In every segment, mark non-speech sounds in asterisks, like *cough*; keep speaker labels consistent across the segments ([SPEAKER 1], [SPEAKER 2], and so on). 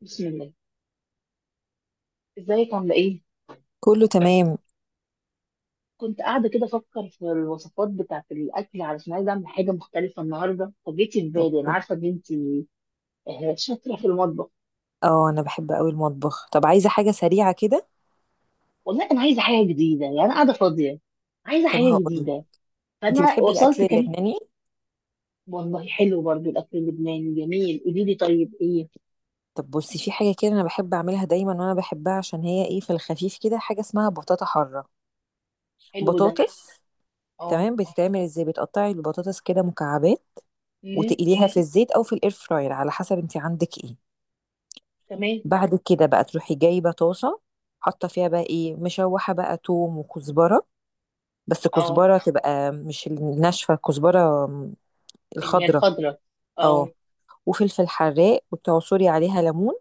[SPEAKER 1] بسم الله. ازيك عامله ايه؟
[SPEAKER 2] كله تمام.
[SPEAKER 1] كنت قاعده كده افكر في الوصفات بتاعه الاكل علشان عايزه اعمل حاجه مختلفه النهارده فجيتي في بالي. انا عارفه ان انت شاطره في المطبخ.
[SPEAKER 2] اه انا بحب قوي المطبخ. طب عايزه حاجه سريعه كده؟
[SPEAKER 1] والله انا عايزه حاجه جديده، يعني انا قاعده فاضيه، عايزه
[SPEAKER 2] طب
[SPEAKER 1] حاجه
[SPEAKER 2] هقول،
[SPEAKER 1] جديده،
[SPEAKER 2] انت
[SPEAKER 1] فانا
[SPEAKER 2] بتحبي الاكل
[SPEAKER 1] وصلت كمان.
[SPEAKER 2] اللبناني؟
[SPEAKER 1] والله حلو برضو الاكل اللبناني جميل، قولي لي طيب ايه.
[SPEAKER 2] طب بصي، في حاجه كده انا بحب اعملها دايما وانا بحبها، عشان هي ايه، في الخفيف كده، حاجه اسمها بطاطا حاره.
[SPEAKER 1] حلو ده.
[SPEAKER 2] بطاطس.
[SPEAKER 1] اه.
[SPEAKER 2] تمام، بتتعمل ازاي؟ بتقطعي البطاطس كده مكعبات،
[SPEAKER 1] امم.
[SPEAKER 2] وتقليها في الزيت او في الاير فراير، على حسب انت عندك ايه.
[SPEAKER 1] تمام.
[SPEAKER 2] بعد كده بقى تروحي جايبه طاسه، حاطه فيها بقى ايه، مشوحه بقى توم وكزبره، بس
[SPEAKER 1] اه،
[SPEAKER 2] كزبره تبقى مش الناشفه، كزبره
[SPEAKER 1] اللي هي
[SPEAKER 2] الخضره.
[SPEAKER 1] الخضره. اه.
[SPEAKER 2] اه. وفلفل حراق وتعصري عليها ليمون،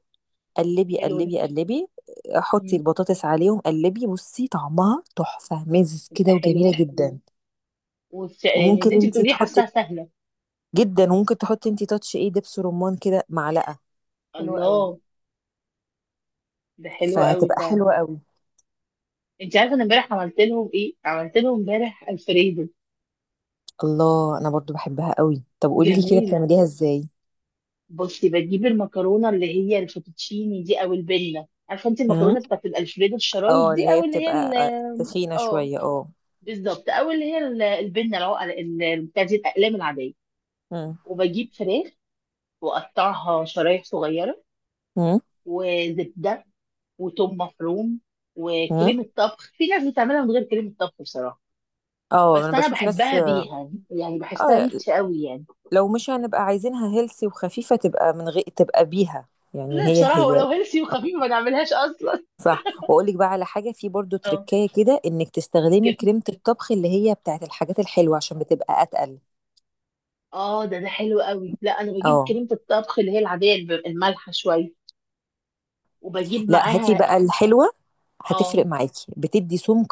[SPEAKER 2] قلبي
[SPEAKER 1] حلو ده.
[SPEAKER 2] قلبي قلبي. حطي
[SPEAKER 1] امم.
[SPEAKER 2] البطاطس عليهم، قلبي، بصي طعمها تحفة مزز كده
[SPEAKER 1] تبقى
[SPEAKER 2] وجميلة
[SPEAKER 1] حلوه.
[SPEAKER 2] جدا.
[SPEAKER 1] يعني
[SPEAKER 2] وممكن
[SPEAKER 1] اللي انت
[SPEAKER 2] انت
[SPEAKER 1] بتقوليه
[SPEAKER 2] تحطي
[SPEAKER 1] حاساها سهله.
[SPEAKER 2] جدا، وممكن تحطي انت تاتش ايه، دبس رمان كده معلقة، حلوة قوي،
[SPEAKER 1] الله، ده حلو قوي.
[SPEAKER 2] فهتبقى حلوة قوي.
[SPEAKER 1] انت عارفه انا امبارح عملت لهم ايه؟ عملت لهم امبارح الفريدو.
[SPEAKER 2] الله، انا برضو بحبها قوي، طب قولي لي كده
[SPEAKER 1] جميله.
[SPEAKER 2] بتعمليها ازاي؟
[SPEAKER 1] بصي، بجيب المكرونه اللي هي الفوتوتشيني دي او البنه، عارفه انت
[SPEAKER 2] امم
[SPEAKER 1] المكرونه بتاعت الالفريدو الشرايط
[SPEAKER 2] اه، اللي
[SPEAKER 1] دي
[SPEAKER 2] هي
[SPEAKER 1] او اللي هي
[SPEAKER 2] بتبقى تخينة
[SPEAKER 1] اه
[SPEAKER 2] شوية، اه.
[SPEAKER 1] بالظبط، او اللي هي ال- البنه العقل- ال- ال- بتاع دي الاقلام العاديه.
[SPEAKER 2] امم.
[SPEAKER 1] وبجيب فراخ واقطعها شرايح صغيره، وزبده وتوم مفروم
[SPEAKER 2] امم.
[SPEAKER 1] وكريمه طبخ. في ناس بتعملها من غير كريمه طبخ بصراحه،
[SPEAKER 2] اه انا
[SPEAKER 1] بس انا
[SPEAKER 2] بشوف ناس،
[SPEAKER 1] بحبها
[SPEAKER 2] اه.
[SPEAKER 1] بيها يعني، بحسها
[SPEAKER 2] آه،
[SPEAKER 1] ريتش قوي يعني.
[SPEAKER 2] لو مش هنبقى عايزينها هيلثي وخفيفة، تبقى من غير، تبقى بيها يعني،
[SPEAKER 1] لا
[SPEAKER 2] هي
[SPEAKER 1] بصراحة
[SPEAKER 2] هي.
[SPEAKER 1] ولو هيلسي
[SPEAKER 2] آه،
[SPEAKER 1] وخفيفة ما نعملهاش أصلا.
[SPEAKER 2] صح، واقول لك بقى على حاجة، في برضو
[SPEAKER 1] اه،
[SPEAKER 2] تركاية كده، انك تستخدمي
[SPEAKER 1] الجبن.
[SPEAKER 2] كريمة الطبخ اللي هي بتاعت الحاجات الحلوة عشان بتبقى اتقل.
[SPEAKER 1] اه، ده حلو قوي. لا أنا بجيب
[SPEAKER 2] اه.
[SPEAKER 1] كريمة الطبخ اللي هي العادية المالحة شوية، وبجيب
[SPEAKER 2] لا هاتي
[SPEAKER 1] معاها.
[SPEAKER 2] بقى الحلوة،
[SPEAKER 1] اه.
[SPEAKER 2] هتفرق معاكي، بتدي سمك.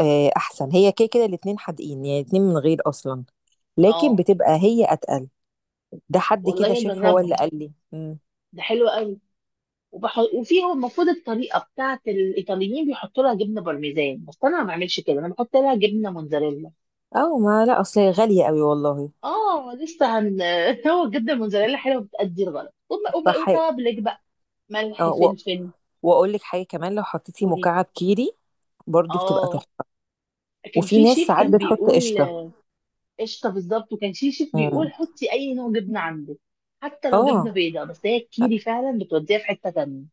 [SPEAKER 2] احسن هي كده كده الاتنين حادقين يعني، الاتنين من غير اصلا، لكن
[SPEAKER 1] اه.
[SPEAKER 2] بتبقى هي اتقل. ده حد كده
[SPEAKER 1] والله
[SPEAKER 2] شاف، هو اللي
[SPEAKER 1] أجربها،
[SPEAKER 2] قال لي. مم.
[SPEAKER 1] ده حلو قوي. وبحط وفيها المفروض الطريقة بتاعت الإيطاليين بيحطوا لها جبنة بارميزان، بس أنا ما بعملش كده، أنا بحط لها جبنة موتزاريلا.
[SPEAKER 2] اه، ما لا، اصل هي غالية قوي والله.
[SPEAKER 1] اه لسه هن *laughs* هو الجبنة الموتزاريلا حلوة بتأدي الغرض.
[SPEAKER 2] صح.
[SPEAKER 1] وتوابلك بقى، ملح
[SPEAKER 2] اه،
[SPEAKER 1] فلفل.
[SPEAKER 2] واقول لك حاجه كمان، لو حطيتي
[SPEAKER 1] قولي.
[SPEAKER 2] مكعب كيري برضو بتبقى
[SPEAKER 1] اه،
[SPEAKER 2] تحفه.
[SPEAKER 1] كان
[SPEAKER 2] وفي
[SPEAKER 1] في
[SPEAKER 2] ناس
[SPEAKER 1] شيف
[SPEAKER 2] ساعات
[SPEAKER 1] كان
[SPEAKER 2] بتحط
[SPEAKER 1] بيقول:
[SPEAKER 2] قشطه.
[SPEAKER 1] قشطه بالظبط. وكان في شيف بيقول
[SPEAKER 2] امم
[SPEAKER 1] حطي اي نوع جبنه عندك، حتى لو
[SPEAKER 2] اه
[SPEAKER 1] جبنه بيضاء. بس هي الكيري فعلا بتوديها في حته تانية.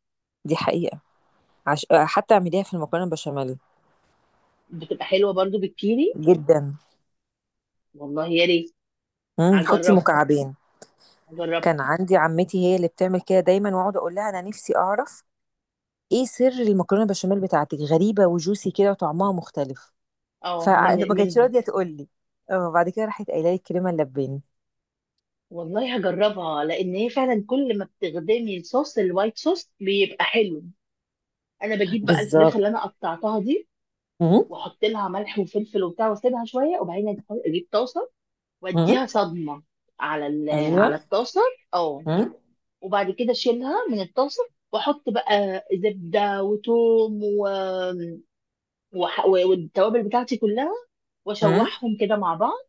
[SPEAKER 2] دي حقيقه. حتى اعمليها في المكرونه البشاميل
[SPEAKER 1] بتبقى حلوه برضو بالكيري.
[SPEAKER 2] جدا.
[SPEAKER 1] والله يا ريت،
[SPEAKER 2] حطي
[SPEAKER 1] هجربها،
[SPEAKER 2] مكعبين.
[SPEAKER 1] هجربها.
[SPEAKER 2] كان عندي عمتي هي اللي بتعمل كده دايما، واقعد اقول لها انا نفسي اعرف ايه سر المكرونه البشاميل بتاعتك، غريبه وجوسي كده وطعمها مختلف،
[SPEAKER 1] اه،
[SPEAKER 2] فما
[SPEAKER 1] من
[SPEAKER 2] كانتش
[SPEAKER 1] منهم.
[SPEAKER 2] راضيه تقول لي، اه بعد كده راحت قايله لي الكريمه اللباني.
[SPEAKER 1] والله هجربها، لان هي فعلا كل ما بتخدمي الصوص الوايت صوص بيبقى حلو. انا بجيب بقى الفراخ
[SPEAKER 2] بالظبط.
[SPEAKER 1] اللي انا قطعتها دي،
[SPEAKER 2] امم.
[SPEAKER 1] واحط لها ملح وفلفل وبتاع، واسيبها شويه، وبعدين اجيب طاسه واديها
[SPEAKER 2] امم.
[SPEAKER 1] صدمه على
[SPEAKER 2] ايوه.
[SPEAKER 1] على الطاسه. اه.
[SPEAKER 2] امم.
[SPEAKER 1] وبعد كده اشيلها من الطاسه، واحط بقى زبده وثوم والتوابل بتاعتي كلها،
[SPEAKER 2] امم.
[SPEAKER 1] واشوحهم كده مع بعض.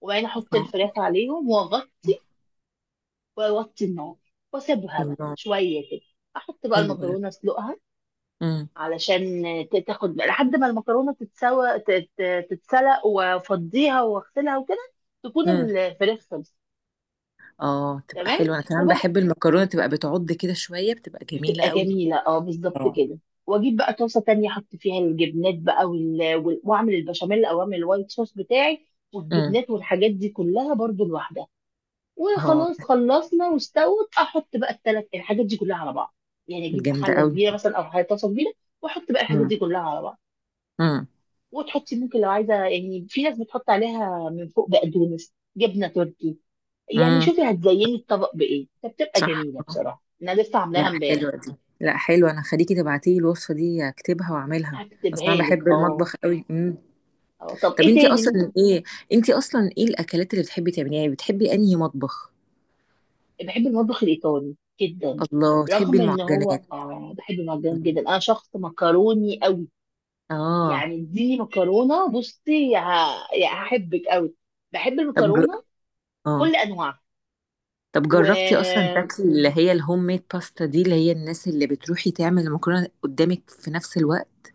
[SPEAKER 1] وبعدين احط الفراخ عليهم واغطي واوطي النار، واسيبها بقى
[SPEAKER 2] الله.
[SPEAKER 1] شويه كده. احط بقى
[SPEAKER 2] حلو ده.
[SPEAKER 1] المكرونه، اسلقها،
[SPEAKER 2] امم.
[SPEAKER 1] علشان تاخد بقى لحد ما المكرونه تتسوى، تتسلق، وافضيها واغسلها وكده. تكون
[SPEAKER 2] امم.
[SPEAKER 1] الفراخ خلصت.
[SPEAKER 2] اه، تبقى
[SPEAKER 1] تمام.
[SPEAKER 2] حلوه. انا كمان
[SPEAKER 1] وببقى
[SPEAKER 2] بحب المكرونه تبقى بتعض كده شويه، بتبقى جميله
[SPEAKER 1] بتبقى
[SPEAKER 2] قوي.
[SPEAKER 1] جميلة، اه بالظبط
[SPEAKER 2] اه.
[SPEAKER 1] كده. واجيب بقى طاسة تانية احط فيها الجبنات بقى واعمل البشاميل او اعمل الوايت صوص بتاعي،
[SPEAKER 2] امم.
[SPEAKER 1] والجبنات والحاجات دي كلها برضو لوحدها.
[SPEAKER 2] اه،
[SPEAKER 1] وخلاص خلصنا، واستوت، احط بقى الثلاث الحاجات دي كلها على بعض. يعني اجيب
[SPEAKER 2] جامده
[SPEAKER 1] حلة
[SPEAKER 2] قوي.
[SPEAKER 1] كبيرة مثلا، او حاجة طاسة كبيرة، واحط بقى الحاجات
[SPEAKER 2] امم.
[SPEAKER 1] دي كلها على بعض.
[SPEAKER 2] امم.
[SPEAKER 1] وتحطي ممكن لو عايزة، يعني في ناس بتحط عليها من فوق بقدونس، جبنة تركي، يعني
[SPEAKER 2] امم.
[SPEAKER 1] شوفي هتزيني الطبق بايه. فبتبقى
[SPEAKER 2] صح.
[SPEAKER 1] جميلة بصراحة، انا لسه عاملاها
[SPEAKER 2] لا
[SPEAKER 1] امبارح.
[SPEAKER 2] حلوه دي، لا حلوه، انا خليكي تبعتي لي الوصفه دي، اكتبها واعملها. اصلا
[SPEAKER 1] هكتبها
[SPEAKER 2] انا
[SPEAKER 1] لك،
[SPEAKER 2] بحب
[SPEAKER 1] اه.
[SPEAKER 2] المطبخ قوي. امم.
[SPEAKER 1] اه، طب
[SPEAKER 2] طب
[SPEAKER 1] ايه
[SPEAKER 2] انتي
[SPEAKER 1] تاني
[SPEAKER 2] اصلا
[SPEAKER 1] ممكن؟
[SPEAKER 2] ايه، انتي اصلا ايه الاكلات اللي بتحبي تعمليها؟ يعني بتحبي انهي مطبخ؟
[SPEAKER 1] بحب المطبخ الايطالي جدا.
[SPEAKER 2] الله، بتحبي
[SPEAKER 1] رغم ان هو
[SPEAKER 2] المعجنات.
[SPEAKER 1] اه بحب المعجنات
[SPEAKER 2] مم.
[SPEAKER 1] جدا، انا شخص مكروني قوي،
[SPEAKER 2] اه.
[SPEAKER 1] يعني اديني مكرونه بصي يعني هحبك قوي. بحب
[SPEAKER 2] طب
[SPEAKER 1] المكرونه
[SPEAKER 2] اه،
[SPEAKER 1] بكل انواعها.
[SPEAKER 2] طب
[SPEAKER 1] و
[SPEAKER 2] جربتي اصلا تاكلي اللي هي الهوم ميد باستا دي، اللي هي الناس اللي بتروحي تعمل المكرونه قدامك في نفس الوقت؟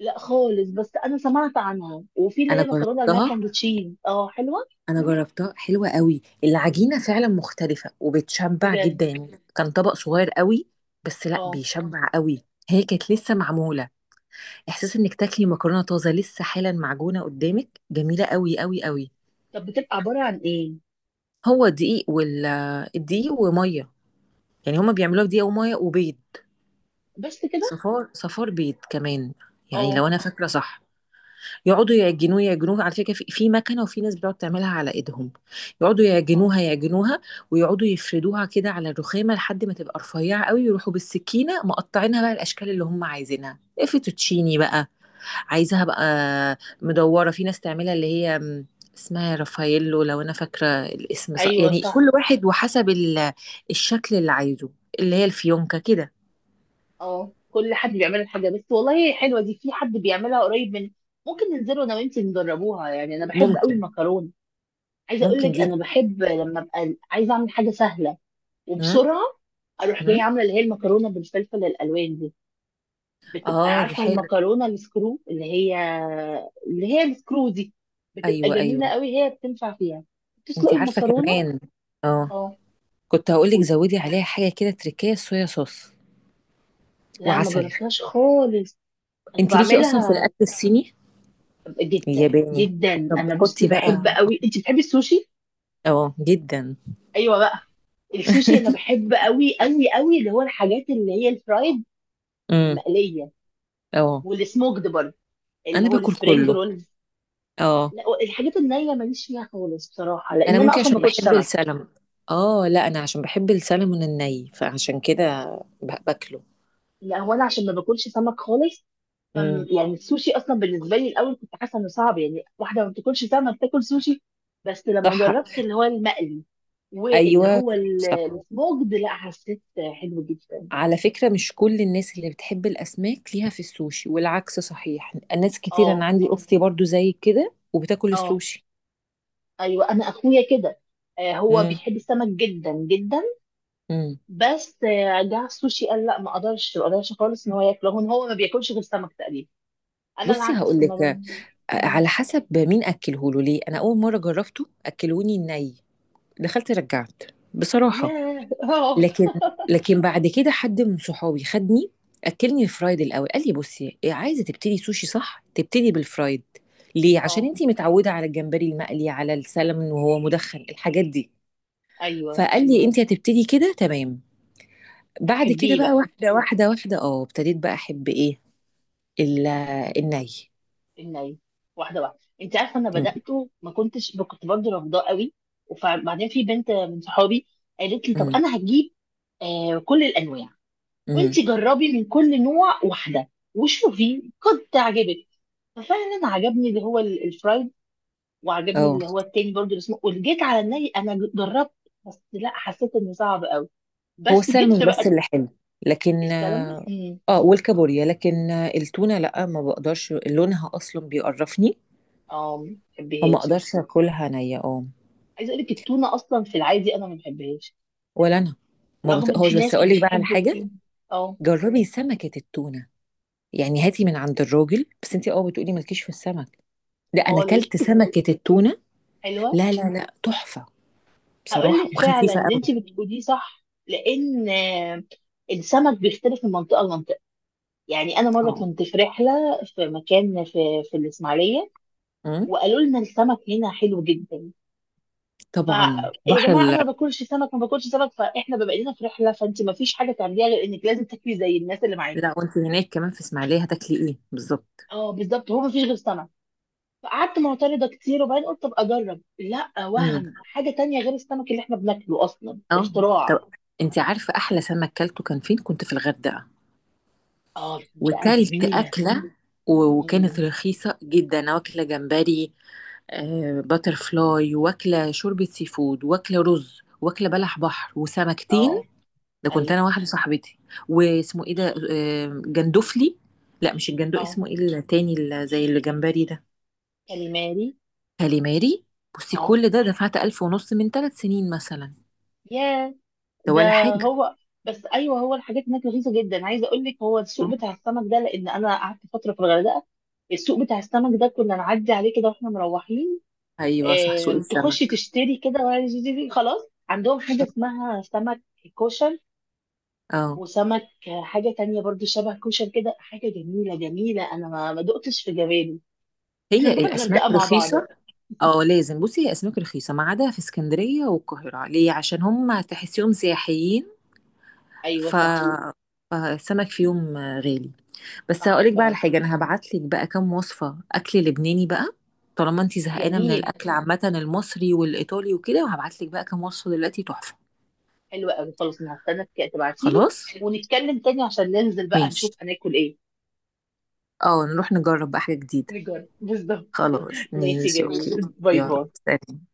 [SPEAKER 1] لا خالص، بس انا سمعت عنها. وفي اللي هي
[SPEAKER 2] انا
[SPEAKER 1] مكرونه
[SPEAKER 2] جربتها،
[SPEAKER 1] الماكاندتشيز، اه حلوه.
[SPEAKER 2] انا جربتها حلوه قوي، العجينه فعلا مختلفه وبتشبع
[SPEAKER 1] بجد.
[SPEAKER 2] جدا، يعني كان طبق صغير قوي بس لا
[SPEAKER 1] اه.
[SPEAKER 2] بيشبع قوي، هي كانت لسه معموله. احساس انك تاكلي مكرونه طازه لسه حالا معجونه قدامك، جميله قوي قوي قوي.
[SPEAKER 1] طب بتبقى عباره عن ايه؟
[SPEAKER 2] هو دقيق الدقيق وميه، يعني هما بيعملوها بدقيق وميه وبيض.
[SPEAKER 1] بس كده؟
[SPEAKER 2] صفار، صفار بيض كمان، يعني
[SPEAKER 1] اه.
[SPEAKER 2] لو انا فاكره صح. يقعدوا يعجنوه يعجنوه، على فكره، في مكنه، وفي ناس بتقعد تعملها على ايدهم، يقعدوا
[SPEAKER 1] اه.
[SPEAKER 2] يعجنوها يعجنوها، ويقعدوا يفردوها كده على الرخامه لحد ما تبقى رفيعه قوي، يروحوا بالسكينه مقطعينها بقى الاشكال اللي هم عايزينها، إيه، فيتوتشيني بقى عايزاها بقى مدوره، في ناس تعملها اللي هي اسمها رافاييلو لو انا فاكره الاسم صح،
[SPEAKER 1] ايوه
[SPEAKER 2] يعني
[SPEAKER 1] صح.
[SPEAKER 2] كل واحد وحسب الشكل اللي عايزه، اللي هي الفيونكه كده.
[SPEAKER 1] اه، كل حد بيعمل الحاجه بس. والله حلوه دي، في حد بيعملها قريب من، ممكن ننزلوا انا وانتي نجربوها، يعني انا بحب قوي
[SPEAKER 2] ممكن.
[SPEAKER 1] المكرونه. عايزه اقول
[SPEAKER 2] ممكن
[SPEAKER 1] لك
[SPEAKER 2] دي.
[SPEAKER 1] انا بحب لما ابقى عايزه اعمل حاجه سهله
[SPEAKER 2] مم؟
[SPEAKER 1] وبسرعه، اروح
[SPEAKER 2] مم؟
[SPEAKER 1] جايه عامله اللي هي المكرونه بالفلفل الالوان دي. بتبقى
[SPEAKER 2] اه دي
[SPEAKER 1] عارفه
[SPEAKER 2] حلوه.
[SPEAKER 1] المكرونه السكرو اللي هي، اللي هي السكرو دي، بتبقى
[SPEAKER 2] ايوه
[SPEAKER 1] جميله
[SPEAKER 2] ايوه.
[SPEAKER 1] قوي، هي بتنفع فيها.
[SPEAKER 2] انت
[SPEAKER 1] بتسلقي
[SPEAKER 2] عارفه
[SPEAKER 1] المكرونه.
[SPEAKER 2] كمان، اه
[SPEAKER 1] اه.
[SPEAKER 2] كنت هقولك
[SPEAKER 1] قولي.
[SPEAKER 2] زودي عليها حاجه كده تركيه، صويا صوص
[SPEAKER 1] لا ما
[SPEAKER 2] وعسل.
[SPEAKER 1] جربتهاش خالص. انا
[SPEAKER 2] انت ليكي اصلا في
[SPEAKER 1] بعملها.
[SPEAKER 2] الاكل الصيني
[SPEAKER 1] جدا
[SPEAKER 2] الياباني؟
[SPEAKER 1] جدا.
[SPEAKER 2] طب
[SPEAKER 1] انا بصي
[SPEAKER 2] حطي
[SPEAKER 1] بحب
[SPEAKER 2] بقى.
[SPEAKER 1] قوي، انت بتحبي السوشي؟
[SPEAKER 2] اه جدا.
[SPEAKER 1] ايوه بقى. السوشي انا بحب قوي قوي قوي اللي هو الحاجات اللي هي الفرايد،
[SPEAKER 2] امم.
[SPEAKER 1] المقليه،
[SPEAKER 2] اه
[SPEAKER 1] والسموكد برضه، اللي
[SPEAKER 2] انا
[SPEAKER 1] هو
[SPEAKER 2] باكل
[SPEAKER 1] السبرينج
[SPEAKER 2] كله.
[SPEAKER 1] رولز.
[SPEAKER 2] اه.
[SPEAKER 1] لا الحاجات النيه ماليش فيها خالص بصراحه،
[SPEAKER 2] انا
[SPEAKER 1] لان انا
[SPEAKER 2] ممكن
[SPEAKER 1] اصلا ما
[SPEAKER 2] عشان
[SPEAKER 1] باكلش
[SPEAKER 2] بحب
[SPEAKER 1] سمك.
[SPEAKER 2] اه لا، انا عشان بحب السلمون الني فعشان كده باكله.
[SPEAKER 1] لا هو انا عشان ما باكلش سمك خالص، فم
[SPEAKER 2] امم.
[SPEAKER 1] يعني السوشي اصلا بالنسبه لي الاول كنت حاسه انه صعب، يعني واحده ما بتاكلش سمك تاكل سوشي؟ بس لما
[SPEAKER 2] صح.
[SPEAKER 1] جربت اللي هو المقلي واللي
[SPEAKER 2] ايوه.
[SPEAKER 1] هو
[SPEAKER 2] صح.
[SPEAKER 1] السموكد، لا حسيت حلو جدا.
[SPEAKER 2] على فكرة مش كل الناس اللي بتحب الأسماك ليها في السوشي، والعكس صحيح، ناس كتير،
[SPEAKER 1] اه.
[SPEAKER 2] أنا عندي أختي برضو زي كده وبتاكل
[SPEAKER 1] اه.
[SPEAKER 2] السوشي.
[SPEAKER 1] ايوه انا اخويا كده. آه، هو
[SPEAKER 2] امم.
[SPEAKER 1] بيحب السمك جدا جدا.
[SPEAKER 2] امم.
[SPEAKER 1] بس آه جه على السوشي قال لا ما اقدرش، ما اقدرش خالص ان هو ياكله. هو ما بياكلش غير سمك تقريبا. انا
[SPEAKER 2] بصي
[SPEAKER 1] العكس،
[SPEAKER 2] هقول
[SPEAKER 1] ما
[SPEAKER 2] لك،
[SPEAKER 1] ب... مم.
[SPEAKER 2] على حسب مين أكله له. ليه؟ أنا أول مرة جربته أكلوني الني، دخلت رجعت بصراحة.
[SPEAKER 1] ياه *laughs* اه.
[SPEAKER 2] لكن، لكن بعد كده حد من صحابي خدني أكلني الفرايد الأول، قال لي بصي عايزة تبتدي سوشي صح، تبتدي بالفرايد. ليه؟ عشان
[SPEAKER 1] اه.
[SPEAKER 2] انتي متعودة على الجمبري المقلي، على السلمون وهو مدخن، الحاجات دي.
[SPEAKER 1] ايوه.
[SPEAKER 2] فقال لي انت هتبتدي كده تمام. بعد كده
[SPEAKER 1] هتحبيه
[SPEAKER 2] بقى
[SPEAKER 1] بقى.
[SPEAKER 2] واحده واحده واحده، اه ابتديت بقى احب ايه، ال- الني.
[SPEAKER 1] الني. واحده واحده. انت عارفه انا
[SPEAKER 2] م-
[SPEAKER 1] بداته ما كنتش، كنت برضه رافضاه قوي. وبعدين في بنت من صحابي قالت لي طب
[SPEAKER 2] م-
[SPEAKER 1] انا هجيب كل الانواع، وانت
[SPEAKER 2] م.
[SPEAKER 1] جربي من كل نوع واحده وشوفي قد تعجبك. ففعلا عجبني اللي هو الفرايد، وعجبني
[SPEAKER 2] اه،
[SPEAKER 1] اللي هو التاني برضو اللي اسمه. واللي جيت على الني انا جربت، بس لا حسيت انه صعب قوي.
[SPEAKER 2] هو
[SPEAKER 1] بس
[SPEAKER 2] السلمون
[SPEAKER 1] جبت
[SPEAKER 2] بس
[SPEAKER 1] بقى.
[SPEAKER 2] اللي حلو، لكن
[SPEAKER 1] السلمون.
[SPEAKER 2] اه
[SPEAKER 1] امم.
[SPEAKER 2] والكابوريا. لكن التونه لا ما بقدرش، لونها اصلا بيقرفني،
[SPEAKER 1] اه، ما
[SPEAKER 2] فما
[SPEAKER 1] بحبهاش.
[SPEAKER 2] اقدرش اكلها نيه، اه.
[SPEAKER 1] عايزه اقول لك التونه اصلا في العادي انا ما بحبهاش،
[SPEAKER 2] ولا انا، ما
[SPEAKER 1] رغم ان
[SPEAKER 2] بطقهاش،
[SPEAKER 1] في
[SPEAKER 2] بس
[SPEAKER 1] ناس
[SPEAKER 2] اقول لك بقى على
[SPEAKER 1] بتحب
[SPEAKER 2] حاجه،
[SPEAKER 1] التونه. اه.
[SPEAKER 2] جربي سمكه التونه، يعني هاتي من عند الراجل، بس انت اه بتقولي مالكيش في السمك، لا انا
[SPEAKER 1] خالص.
[SPEAKER 2] اكلت سمكه التونه،
[SPEAKER 1] حلوه.
[SPEAKER 2] لا لا لا، تحفه
[SPEAKER 1] هقول
[SPEAKER 2] بصراحة،
[SPEAKER 1] لك فعلا
[SPEAKER 2] وخفيفة
[SPEAKER 1] ان انت
[SPEAKER 2] قوي،
[SPEAKER 1] بتقوليه صح، لان السمك بيختلف من منطقه لمنطقه. يعني انا مره
[SPEAKER 2] اه.
[SPEAKER 1] كنت في رحله، في مكان في الاسماعيليه،
[SPEAKER 2] امم.
[SPEAKER 1] وقالوا لنا السمك هنا حلو جدا. ف
[SPEAKER 2] طبعا
[SPEAKER 1] يا
[SPEAKER 2] بحر
[SPEAKER 1] جماعه انا ما باكلش سمك، ما باكلش سمك، فاحنا بما اننا في رحله فانت ما فيش حاجه تعمليها غير انك لازم تاكلي زي الناس اللي معاكي.
[SPEAKER 2] لا وانت هناك كمان في اسماعيلية هتاكلي ايه بالظبط؟
[SPEAKER 1] اه بالظبط، هو ما فيش غير سمك. فقعدت معترضه كتير، وبعدين قلت طب اجرب، لا
[SPEAKER 2] امم.
[SPEAKER 1] وهم حاجه تانية غير السمك اللي احنا بناكله اصلا،
[SPEAKER 2] اه.
[SPEAKER 1] اختراع.
[SPEAKER 2] طب انت عارفة احلى سمك كلته كان فين؟ كنت في الغردقة
[SPEAKER 1] اه، منطقه
[SPEAKER 2] وكلت
[SPEAKER 1] جميله.
[SPEAKER 2] أكلة، وكانت
[SPEAKER 1] امم.
[SPEAKER 2] رخيصة جدا، أنا واكلة جمبري، آه، باتر فلاي، واكلة شوربة سي فود، واكلة رز، واكلة بلح بحر، وسمكتين.
[SPEAKER 1] اه.
[SPEAKER 2] ده كنت
[SPEAKER 1] ايوه.
[SPEAKER 2] أنا واحدة صاحبتي. واسمه ايه ده، آه، جندفلي، لا مش الجندو،
[SPEAKER 1] اه.
[SPEAKER 2] اسمه ايه التاني اللي زي الجمبري ده،
[SPEAKER 1] كاليماري.
[SPEAKER 2] كاليماري. بصي
[SPEAKER 1] اه.
[SPEAKER 2] كل ده دفعت 1500 من 3 سنين مثلا.
[SPEAKER 1] ياه.
[SPEAKER 2] ده
[SPEAKER 1] ده
[SPEAKER 2] ولا حاجة.
[SPEAKER 1] هو. بس ايوه هو الحاجات هناك رخيصه جدا. عايزه اقول لك هو السوق
[SPEAKER 2] آه،
[SPEAKER 1] بتاع السمك ده، لان انا قعدت فتره في الغردقه، السوق بتاع السمك ده كنا نعدي عليه كده واحنا مروحين.
[SPEAKER 2] أيوة صح، سوق
[SPEAKER 1] آم، تخشي
[SPEAKER 2] السمك.
[SPEAKER 1] تشتري كده ولا زي- زي- زي، خلاص عندهم حاجه
[SPEAKER 2] صح.
[SPEAKER 1] اسمها سمك كوشن،
[SPEAKER 2] اه،
[SPEAKER 1] وسمك حاجه تانية برضو شبه كوشن كده، حاجه جميله جميله انا ما دقتش في جمالي. احنا
[SPEAKER 2] هي
[SPEAKER 1] نروح
[SPEAKER 2] الأسماك
[SPEAKER 1] الغردقه مع بعض
[SPEAKER 2] رخيصة.
[SPEAKER 1] بقى.
[SPEAKER 2] اه لازم، بصي هي أسماك رخيصة، ما عدا في اسكندرية والقاهرة ليه، عشان هم تحسيهم سياحيين،
[SPEAKER 1] ايوه
[SPEAKER 2] ف
[SPEAKER 1] صح.
[SPEAKER 2] فالسمك فيهم غالي. بس
[SPEAKER 1] صح
[SPEAKER 2] هقولك بقى على
[SPEAKER 1] فعلا.
[SPEAKER 2] حاجة، أنا هبعتلك بقى كام وصفة أكل لبناني بقى، طالما انتي زهقانة من
[SPEAKER 1] جميل.
[SPEAKER 2] الأكل عامة المصري والإيطالي وكده، وهبعتلك بقى كام وصفة دلوقتي تحفة.
[SPEAKER 1] حلوة قوي. خلاص انا هستنى تبعتيلي
[SPEAKER 2] خلاص
[SPEAKER 1] ونتكلم تاني عشان ننزل بقى
[SPEAKER 2] ماشي،
[SPEAKER 1] نشوف هناكل ايه.
[SPEAKER 2] اه نروح نجرب بقى حاجة جديدة.
[SPEAKER 1] نجرب بالظبط.
[SPEAKER 2] خلاص
[SPEAKER 1] ماشي
[SPEAKER 2] ماشي،
[SPEAKER 1] جميل.
[SPEAKER 2] اوكي ماشي.
[SPEAKER 1] باي
[SPEAKER 2] يلا
[SPEAKER 1] باي.
[SPEAKER 2] سلام.